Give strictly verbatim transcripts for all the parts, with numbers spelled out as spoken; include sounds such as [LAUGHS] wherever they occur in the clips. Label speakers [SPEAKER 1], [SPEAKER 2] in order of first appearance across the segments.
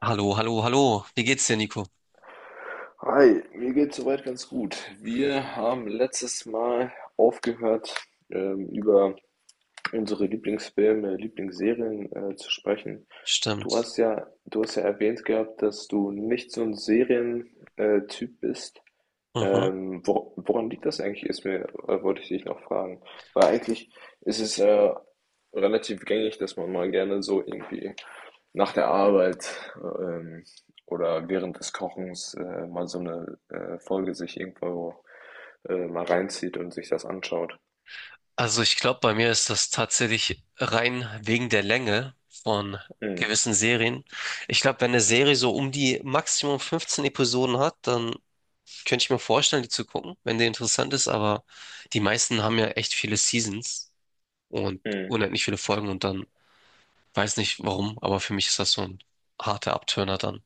[SPEAKER 1] Hallo, hallo, hallo. Wie geht's dir, Nico?
[SPEAKER 2] Hi, mir geht's soweit ganz gut. Wir haben letztes Mal aufgehört, ähm, über unsere Lieblingsfilme, Lieblingsserien, äh, zu sprechen. Du
[SPEAKER 1] Stimmt.
[SPEAKER 2] hast ja, du hast ja erwähnt gehabt, dass du nicht so ein Serientyp bist.
[SPEAKER 1] Mhm.
[SPEAKER 2] Ähm, wor woran liegt das eigentlich, ist mir, äh, wollte ich dich noch fragen. Weil eigentlich ist es äh, relativ gängig, dass man mal gerne so irgendwie nach der Arbeit, ähm, oder während des Kochens äh, mal so eine äh, Folge sich irgendwo äh, mal reinzieht und sich das anschaut.
[SPEAKER 1] Also ich glaube, bei mir ist das tatsächlich rein wegen der Länge von
[SPEAKER 2] Mhm.
[SPEAKER 1] gewissen Serien. Ich glaube, wenn eine Serie so um die Maximum fünfzehn Episoden hat, dann könnte ich mir vorstellen, die zu gucken, wenn die interessant ist. Aber die meisten haben ja echt viele Seasons und
[SPEAKER 2] Mhm.
[SPEAKER 1] unendlich viele Folgen und dann weiß nicht warum, aber für mich ist das so ein harter Abturner dann,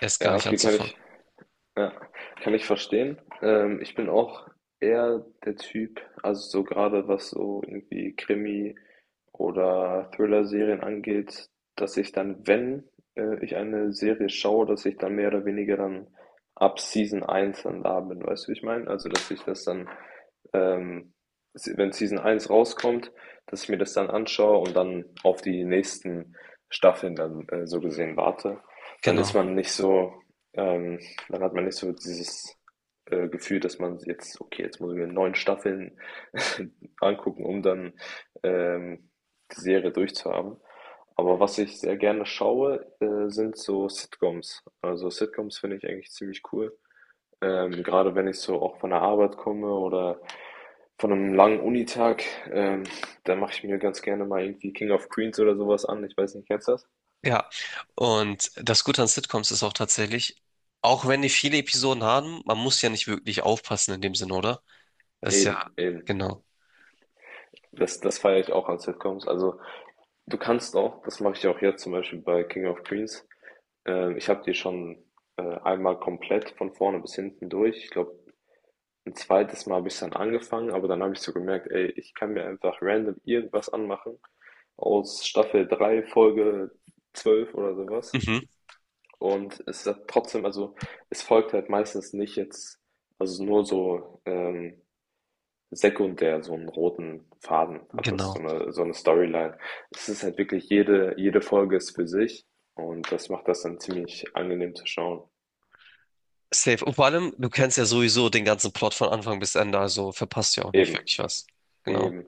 [SPEAKER 1] erst gar
[SPEAKER 2] Ja,
[SPEAKER 1] nicht
[SPEAKER 2] okay, kann
[SPEAKER 1] anzufangen.
[SPEAKER 2] ich, ja, kann ich verstehen. Ähm, ich bin auch eher der Typ, also so gerade was so irgendwie Krimi oder Thriller-Serien angeht, dass ich dann, wenn äh, ich eine Serie schaue, dass ich dann mehr oder weniger dann ab Season eins dann da bin, weißt du, wie ich meine? Also, dass ich das dann, ähm, se- wenn Season eins rauskommt, dass ich mir das dann anschaue und dann auf die nächsten Staffeln dann, äh, so gesehen, warte. Dann
[SPEAKER 1] Genau.
[SPEAKER 2] ist man nicht so, ähm, dann hat man nicht so dieses äh, Gefühl, dass man jetzt, okay, jetzt muss ich mir neun Staffeln [LAUGHS] angucken, um dann, ähm, die Serie durchzuhaben. Aber was ich sehr gerne schaue, äh, sind so Sitcoms. Also Sitcoms finde ich eigentlich ziemlich cool. Ähm, gerade wenn ich so auch von der Arbeit komme oder von einem langen Unitag, ähm, dann mache ich mir ganz gerne mal irgendwie King of Queens oder sowas an. Ich weiß nicht, kennst du das?
[SPEAKER 1] Ja, und das Gute an Sitcoms ist auch tatsächlich, auch wenn die viele Episoden haben, man muss ja nicht wirklich aufpassen in dem Sinne, oder? Das ist ja,
[SPEAKER 2] Eben, eben.
[SPEAKER 1] genau.
[SPEAKER 2] Das, das feiere ich auch an Sitcoms. Also du kannst auch, das mache ich auch jetzt zum Beispiel bei King of Queens. Äh, ich habe die schon äh, einmal komplett von vorne bis hinten durch. Ich glaube, ein zweites Mal habe ich dann angefangen, aber dann habe ich so gemerkt, ey, ich kann mir einfach random irgendwas anmachen aus Staffel drei Folge zwölf oder sowas.
[SPEAKER 1] Mhm,
[SPEAKER 2] Und es hat trotzdem, also es folgt halt meistens nicht jetzt, also nur so, ähm, sekundär so einen roten Faden hat das, so
[SPEAKER 1] genau.
[SPEAKER 2] eine so eine Storyline. Es ist halt wirklich jede jede Folge ist für sich und das macht das dann ziemlich angenehm zu schauen.
[SPEAKER 1] Safe. Und vor allem, du kennst ja sowieso den ganzen Plot von Anfang bis Ende, also verpasst ja auch nicht
[SPEAKER 2] Eben,
[SPEAKER 1] wirklich was. Genau.
[SPEAKER 2] eben.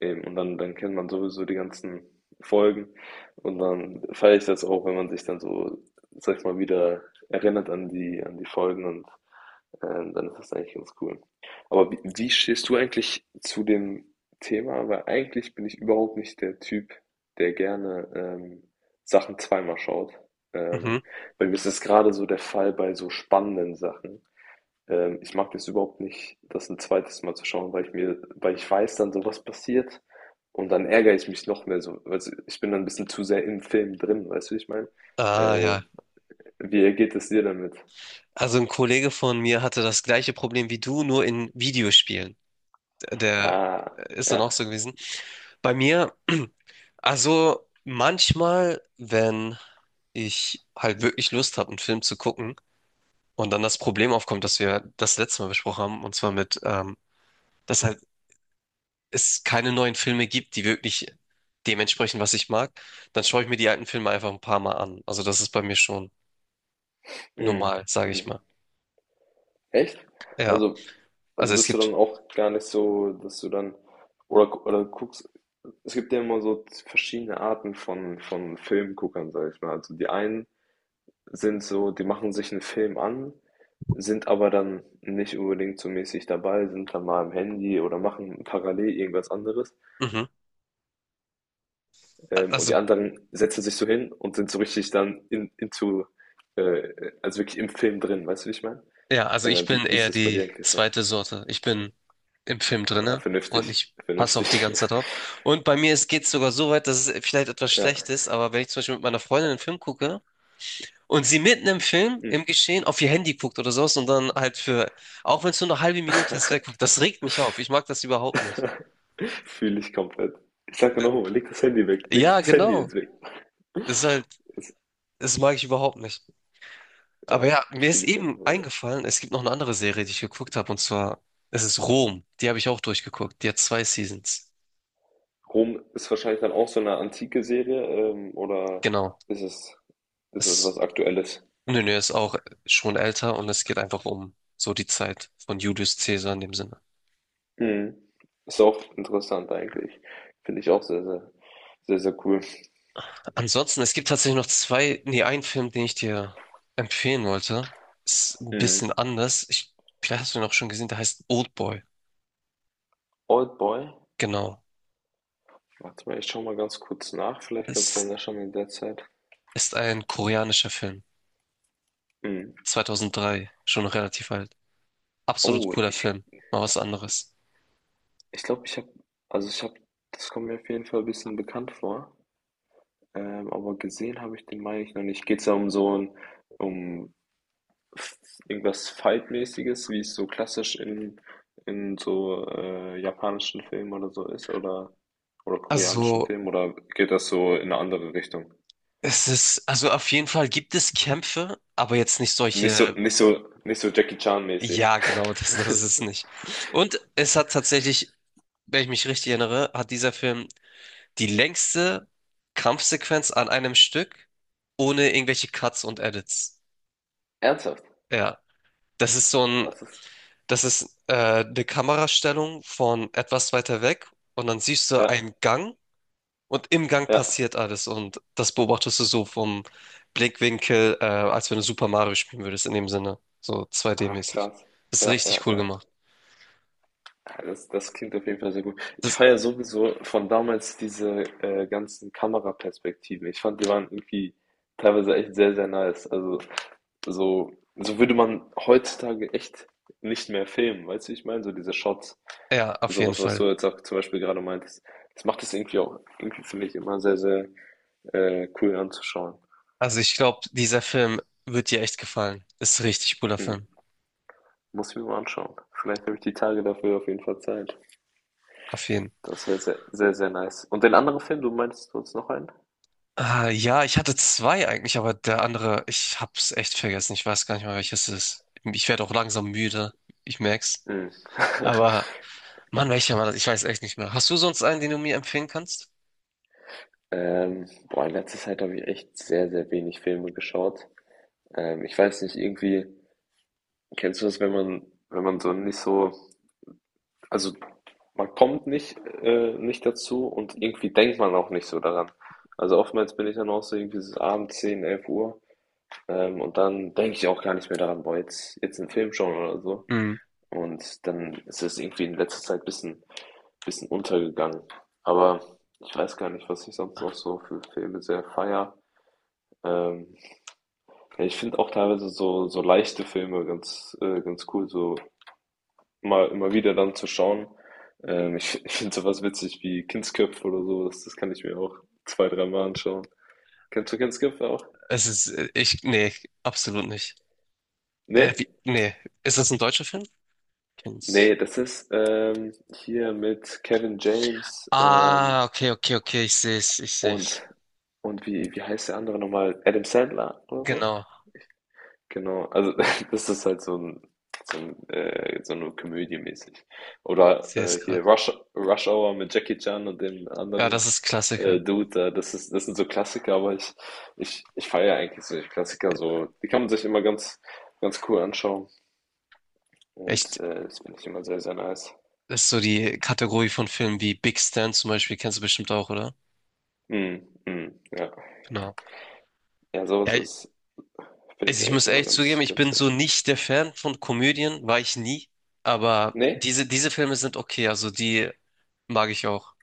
[SPEAKER 2] Eben, und dann, dann kennt man sowieso die ganzen Folgen und dann feiere ich das auch, wenn man sich dann so, sag ich mal, wieder erinnert an die, an die Folgen, und ähm, dann ist das eigentlich ganz cool. Aber wie, wie stehst du eigentlich zu dem Thema? Weil eigentlich bin ich überhaupt nicht der Typ, der gerne ähm, Sachen zweimal schaut.
[SPEAKER 1] Mhm.
[SPEAKER 2] Ähm, Bei mir ist das gerade so der Fall bei so spannenden Sachen. Ähm, ich mag das überhaupt nicht, das ein zweites Mal zu schauen, weil ich mir, weil ich weiß dann, so was passiert, und dann ärgere ich mich noch mehr so. Weißt du, ich bin dann ein bisschen zu sehr im Film drin, weißt du, wie ich meine?
[SPEAKER 1] Ah,
[SPEAKER 2] Äh,
[SPEAKER 1] ja.
[SPEAKER 2] Wie geht es dir damit?
[SPEAKER 1] Also ein Kollege von mir hatte das gleiche Problem wie du, nur in Videospielen. Der
[SPEAKER 2] Ah,
[SPEAKER 1] äh, ist dann auch
[SPEAKER 2] ja.
[SPEAKER 1] so gewesen. Bei mir, [CLEARS THROAT] also manchmal, wenn ich halt wirklich Lust habe, einen Film zu gucken und dann das Problem aufkommt, dass wir das letzte Mal besprochen haben, und zwar mit, ähm, dass halt es keine neuen Filme gibt, die wirklich dementsprechend, was ich mag, dann schaue ich mir die alten Filme einfach ein paar Mal an. Also das ist bei mir schon
[SPEAKER 2] Mhm.
[SPEAKER 1] normal, sage ich mal.
[SPEAKER 2] Mhm. Echt?
[SPEAKER 1] Ja,
[SPEAKER 2] Also, also
[SPEAKER 1] also es
[SPEAKER 2] bist du
[SPEAKER 1] gibt,
[SPEAKER 2] dann auch gar nicht so, dass du dann, oder, oder guckst, es gibt ja immer so verschiedene Arten von, von Filmguckern, sag ich mal. Also die einen sind so, die machen sich einen Film an, sind aber dann nicht unbedingt so mäßig dabei, sind dann mal am Handy oder machen parallel irgendwas anderes.
[SPEAKER 1] mhm,
[SPEAKER 2] Ähm, und
[SPEAKER 1] also
[SPEAKER 2] die anderen setzen sich so hin und sind so richtig dann in into, äh, also wirklich im Film drin, weißt du, wie ich meine?
[SPEAKER 1] ja, also ich
[SPEAKER 2] Äh, wie
[SPEAKER 1] bin
[SPEAKER 2] wie ist
[SPEAKER 1] eher
[SPEAKER 2] das bei
[SPEAKER 1] die
[SPEAKER 2] dir eigentlich so?
[SPEAKER 1] zweite Sorte. Ich bin im Film
[SPEAKER 2] Ah,
[SPEAKER 1] drinne und
[SPEAKER 2] vernünftig,
[SPEAKER 1] ich passe auch die
[SPEAKER 2] vernünftig.
[SPEAKER 1] ganze Zeit
[SPEAKER 2] [LAUGHS]
[SPEAKER 1] drauf. Und bei mir geht es sogar so weit, dass es vielleicht etwas
[SPEAKER 2] Ja,
[SPEAKER 1] schlecht ist, aber wenn ich zum Beispiel mit meiner Freundin einen Film gucke und sie mitten im Film, im
[SPEAKER 2] mhm.
[SPEAKER 1] Geschehen, auf ihr Handy guckt oder sowas und dann halt für, auch wenn es nur eine halbe Minute ist, wegguckt, das regt mich auf. Ich mag das überhaupt nicht.
[SPEAKER 2] [LAUGHS] Fühle ich komplett. Ich sag dir noch mal: „Leg das Handy weg, leg
[SPEAKER 1] Ja,
[SPEAKER 2] das Handy
[SPEAKER 1] genau.
[SPEAKER 2] jetzt weg."
[SPEAKER 1] Das ist halt,
[SPEAKER 2] Das,
[SPEAKER 1] das mag ich überhaupt nicht. Aber
[SPEAKER 2] ja,
[SPEAKER 1] ja, mir ist
[SPEAKER 2] fühle ich einfach.
[SPEAKER 1] eben eingefallen, es gibt noch eine andere Serie, die ich geguckt habe, und zwar, es ist Rom. Die habe ich auch durchgeguckt. Die hat zwei Seasons.
[SPEAKER 2] Rom ist wahrscheinlich dann auch so eine antike Serie, ähm, oder
[SPEAKER 1] Genau.
[SPEAKER 2] ist es, ist es was
[SPEAKER 1] Es
[SPEAKER 2] Aktuelles?
[SPEAKER 1] nö, nö, er ist auch schon älter und es geht einfach um so die Zeit von Julius Caesar in dem Sinne.
[SPEAKER 2] Mhm. Ist auch interessant eigentlich. Finde ich auch sehr, sehr, sehr, sehr cool.
[SPEAKER 1] Ansonsten, es gibt tatsächlich noch zwei, nee, einen Film, den ich dir empfehlen wollte. Ist ein
[SPEAKER 2] Mhm.
[SPEAKER 1] bisschen anders. Ich, vielleicht hast du ihn auch schon gesehen, der heißt Old Boy.
[SPEAKER 2] Oldboy?
[SPEAKER 1] Genau.
[SPEAKER 2] Warte mal, ich schaue mal ganz kurz nach, vielleicht kannst du ja
[SPEAKER 1] Es
[SPEAKER 2] nachschauen in der Zeit.
[SPEAKER 1] ist ein koreanischer Film.
[SPEAKER 2] Mhm.
[SPEAKER 1] zweitausenddrei, schon relativ alt. Absolut
[SPEAKER 2] Oh,
[SPEAKER 1] cooler
[SPEAKER 2] ich
[SPEAKER 1] Film. Mal was anderes.
[SPEAKER 2] ich glaube, ich habe also, ich habe, das kommt mir auf jeden Fall ein bisschen bekannt vor, ähm, aber gesehen habe ich den, meine ich, noch nicht. Geht's da um so ein, um f- irgendwas Fight-mäßiges, wie es so klassisch in, in so, äh, japanischen Filmen oder so ist, oder, oder koreanischen
[SPEAKER 1] Also,
[SPEAKER 2] Filmen, oder geht das so in eine andere Richtung?
[SPEAKER 1] es ist, also auf jeden Fall gibt es Kämpfe, aber jetzt nicht
[SPEAKER 2] Nicht so,
[SPEAKER 1] solche.
[SPEAKER 2] nicht so, nicht so Jackie Chan-mäßig.
[SPEAKER 1] Ja, genau, [LAUGHS] das, das ist es nicht. Und es hat tatsächlich, wenn ich mich richtig erinnere, hat dieser Film die längste Kampfsequenz an einem Stück ohne irgendwelche Cuts und Edits.
[SPEAKER 2] [LAUGHS] Ernsthaft?
[SPEAKER 1] Ja, das ist so ein,
[SPEAKER 2] Das ist,
[SPEAKER 1] das ist äh, eine Kamerastellung von etwas weiter weg und dann siehst du
[SPEAKER 2] ja,
[SPEAKER 1] einen Gang und im Gang
[SPEAKER 2] ja.
[SPEAKER 1] passiert alles und das beobachtest du so vom Blickwinkel, äh, als wenn du Super Mario spielen würdest, in dem Sinne, so
[SPEAKER 2] Ach,
[SPEAKER 1] zwei D-mäßig.
[SPEAKER 2] krass.
[SPEAKER 1] Das ist
[SPEAKER 2] Ja, ja,
[SPEAKER 1] richtig cool
[SPEAKER 2] ja.
[SPEAKER 1] gemacht.
[SPEAKER 2] Ja, das, das klingt auf jeden Fall sehr gut. Ich
[SPEAKER 1] Das,
[SPEAKER 2] feiere sowieso von damals diese, äh, ganzen Kameraperspektiven. Ich fand, die waren irgendwie teilweise echt sehr, sehr nice. Also so, so würde man heutzutage echt nicht mehr filmen, weißt du, wie ich meine? So diese Shots,
[SPEAKER 1] ja, auf jeden
[SPEAKER 2] sowas, was
[SPEAKER 1] Fall.
[SPEAKER 2] du jetzt auch zum Beispiel gerade meintest. Das macht es irgendwie auch, irgendwie finde ich immer sehr, sehr, äh, cool anzuschauen.
[SPEAKER 1] Also ich glaube, dieser Film wird dir echt gefallen. Ist ein richtig cooler
[SPEAKER 2] Hm.
[SPEAKER 1] Film.
[SPEAKER 2] Muss ich mir mal anschauen. Vielleicht habe ich die Tage dafür auf jeden Fall Zeit.
[SPEAKER 1] Auf jeden.
[SPEAKER 2] Das wäre sehr, sehr, sehr nice. Und den anderen Film, du meinst, du hast noch einen?
[SPEAKER 1] Ah, ja, ich hatte zwei eigentlich, aber der andere, ich hab's echt vergessen. Ich weiß gar nicht mal, welches es ist. Ich werde auch langsam müde. Ich merk's.
[SPEAKER 2] Mhm. [LAUGHS]
[SPEAKER 1] Aber Mann, welcher war das? Ich weiß echt nicht mehr. Hast du sonst einen, den du mir empfehlen kannst?
[SPEAKER 2] Ähm, boah, in letzter Zeit habe ich echt sehr, sehr wenig Filme geschaut. Ähm, ich weiß nicht, irgendwie, kennst du das, wenn man, wenn man so nicht so, also man kommt nicht, äh, nicht dazu, und irgendwie denkt man auch nicht so daran. Also oftmals bin ich dann auch so irgendwie so abends zehn, elf Uhr, ähm, und dann denke ich auch gar nicht mehr daran, boah, jetzt, jetzt einen Film schauen oder so.
[SPEAKER 1] Hm.
[SPEAKER 2] Und dann ist es irgendwie in letzter Zeit ein bisschen, bisschen untergegangen. Aber ich weiß gar nicht, was ich sonst noch so für Filme sehr feier. Ähm, ja, ich finde auch teilweise so, so leichte Filme ganz, äh, ganz cool, so mal immer wieder dann zu schauen. Ähm, ich ich finde sowas witzig wie Kindsköpfe oder sowas, das kann ich mir auch zwei-, dreimal anschauen. Kennst du Kindsköpfe auch?
[SPEAKER 1] Es ist, äh, ich, nee, absolut nicht. Äh,
[SPEAKER 2] Nee?
[SPEAKER 1] wie, nee, ist das ein deutscher Film? Kennst.
[SPEAKER 2] Nee, das ist, ähm, hier mit Kevin James, ähm,
[SPEAKER 1] Ah, okay, okay, okay, ich seh's, ich seh's.
[SPEAKER 2] und und wie wie heißt der andere noch mal? Adam Sandler oder so?
[SPEAKER 1] Genau,
[SPEAKER 2] Genau, also [LAUGHS] das ist halt so 'n, so 'n äh, so 'ne Komödie mäßig.
[SPEAKER 1] ich
[SPEAKER 2] Oder,
[SPEAKER 1] seh's
[SPEAKER 2] äh, hier
[SPEAKER 1] gerade.
[SPEAKER 2] Rush Rush Hour mit Jackie Chan und dem
[SPEAKER 1] Ja,
[SPEAKER 2] anderen,
[SPEAKER 1] das ist
[SPEAKER 2] äh,
[SPEAKER 1] Klassiker.
[SPEAKER 2] Dude da. Das ist das sind so Klassiker, aber ich ich ich feiere eigentlich solche Klassiker so. Die kann man sich immer ganz ganz cool anschauen,
[SPEAKER 1] Echt,
[SPEAKER 2] und, äh, das finde ich immer sehr, sehr nice.
[SPEAKER 1] das ist so die Kategorie von Filmen wie Big Stan zum Beispiel, kennst du bestimmt auch, oder?
[SPEAKER 2] Mhm, mhm, ja.
[SPEAKER 1] Genau.
[SPEAKER 2] Ja,
[SPEAKER 1] Ja,
[SPEAKER 2] sowas
[SPEAKER 1] ich,
[SPEAKER 2] ist, finde
[SPEAKER 1] also
[SPEAKER 2] ich,
[SPEAKER 1] ich muss
[SPEAKER 2] eigentlich immer
[SPEAKER 1] ehrlich zugeben,
[SPEAKER 2] ganz
[SPEAKER 1] ich
[SPEAKER 2] ganz
[SPEAKER 1] bin so
[SPEAKER 2] nice.
[SPEAKER 1] nicht der Fan von Komödien, war ich nie. Aber
[SPEAKER 2] Ne?
[SPEAKER 1] diese, diese Filme sind okay, also die mag ich auch.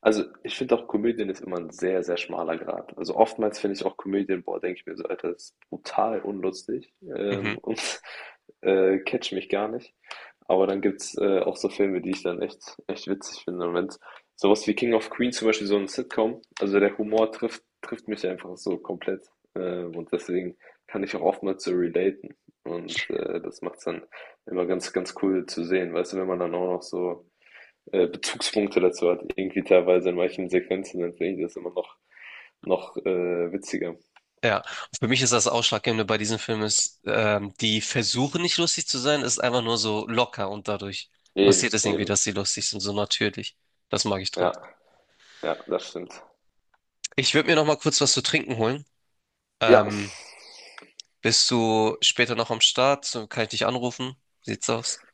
[SPEAKER 2] Also, ich finde auch, Komödien ist immer ein sehr, sehr schmaler Grat. Also, oftmals finde ich auch Komödien, boah, denke ich mir so: „Alter, das ist brutal unlustig,
[SPEAKER 1] Mhm.
[SPEAKER 2] ähm, und, [LAUGHS] äh, catcht mich gar nicht." Aber dann gibt's, äh, auch so Filme, die ich dann echt echt witzig finde. Und wenn's so was wie „King of Queens" zum Beispiel, so ein Sitcom also, der Humor trifft trifft mich einfach so komplett, ähm, und deswegen kann ich auch oftmals so relaten. Und, äh, das macht's dann immer ganz, ganz cool zu sehen, weißt du, wenn man dann auch noch so, äh, Bezugspunkte dazu hat, irgendwie teilweise in manchen Sequenzen, dann finde ich das immer noch, noch, äh, witziger.
[SPEAKER 1] Ja, und für mich ist das Ausschlaggebende bei diesen Filmen ist, ähm, die versuchen nicht lustig zu sein, ist einfach nur so locker und dadurch
[SPEAKER 2] Eben,
[SPEAKER 1] passiert es irgendwie,
[SPEAKER 2] eben.
[SPEAKER 1] dass sie lustig sind, so natürlich. Das mag ich dran.
[SPEAKER 2] Ja, ja, das stimmt.
[SPEAKER 1] Ich würde mir noch mal kurz was zu trinken holen.
[SPEAKER 2] Ja,
[SPEAKER 1] Ähm, Bist du später noch am Start? So, kann ich dich anrufen? Sieht's aus?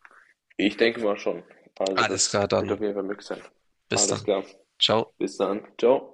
[SPEAKER 2] ich denke mal schon. Also
[SPEAKER 1] Alles
[SPEAKER 2] das
[SPEAKER 1] klar,
[SPEAKER 2] wird
[SPEAKER 1] dann
[SPEAKER 2] auf jeden Fall möglich sein.
[SPEAKER 1] bis
[SPEAKER 2] Alles
[SPEAKER 1] dann.
[SPEAKER 2] klar.
[SPEAKER 1] Ciao.
[SPEAKER 2] Bis dann. Ciao.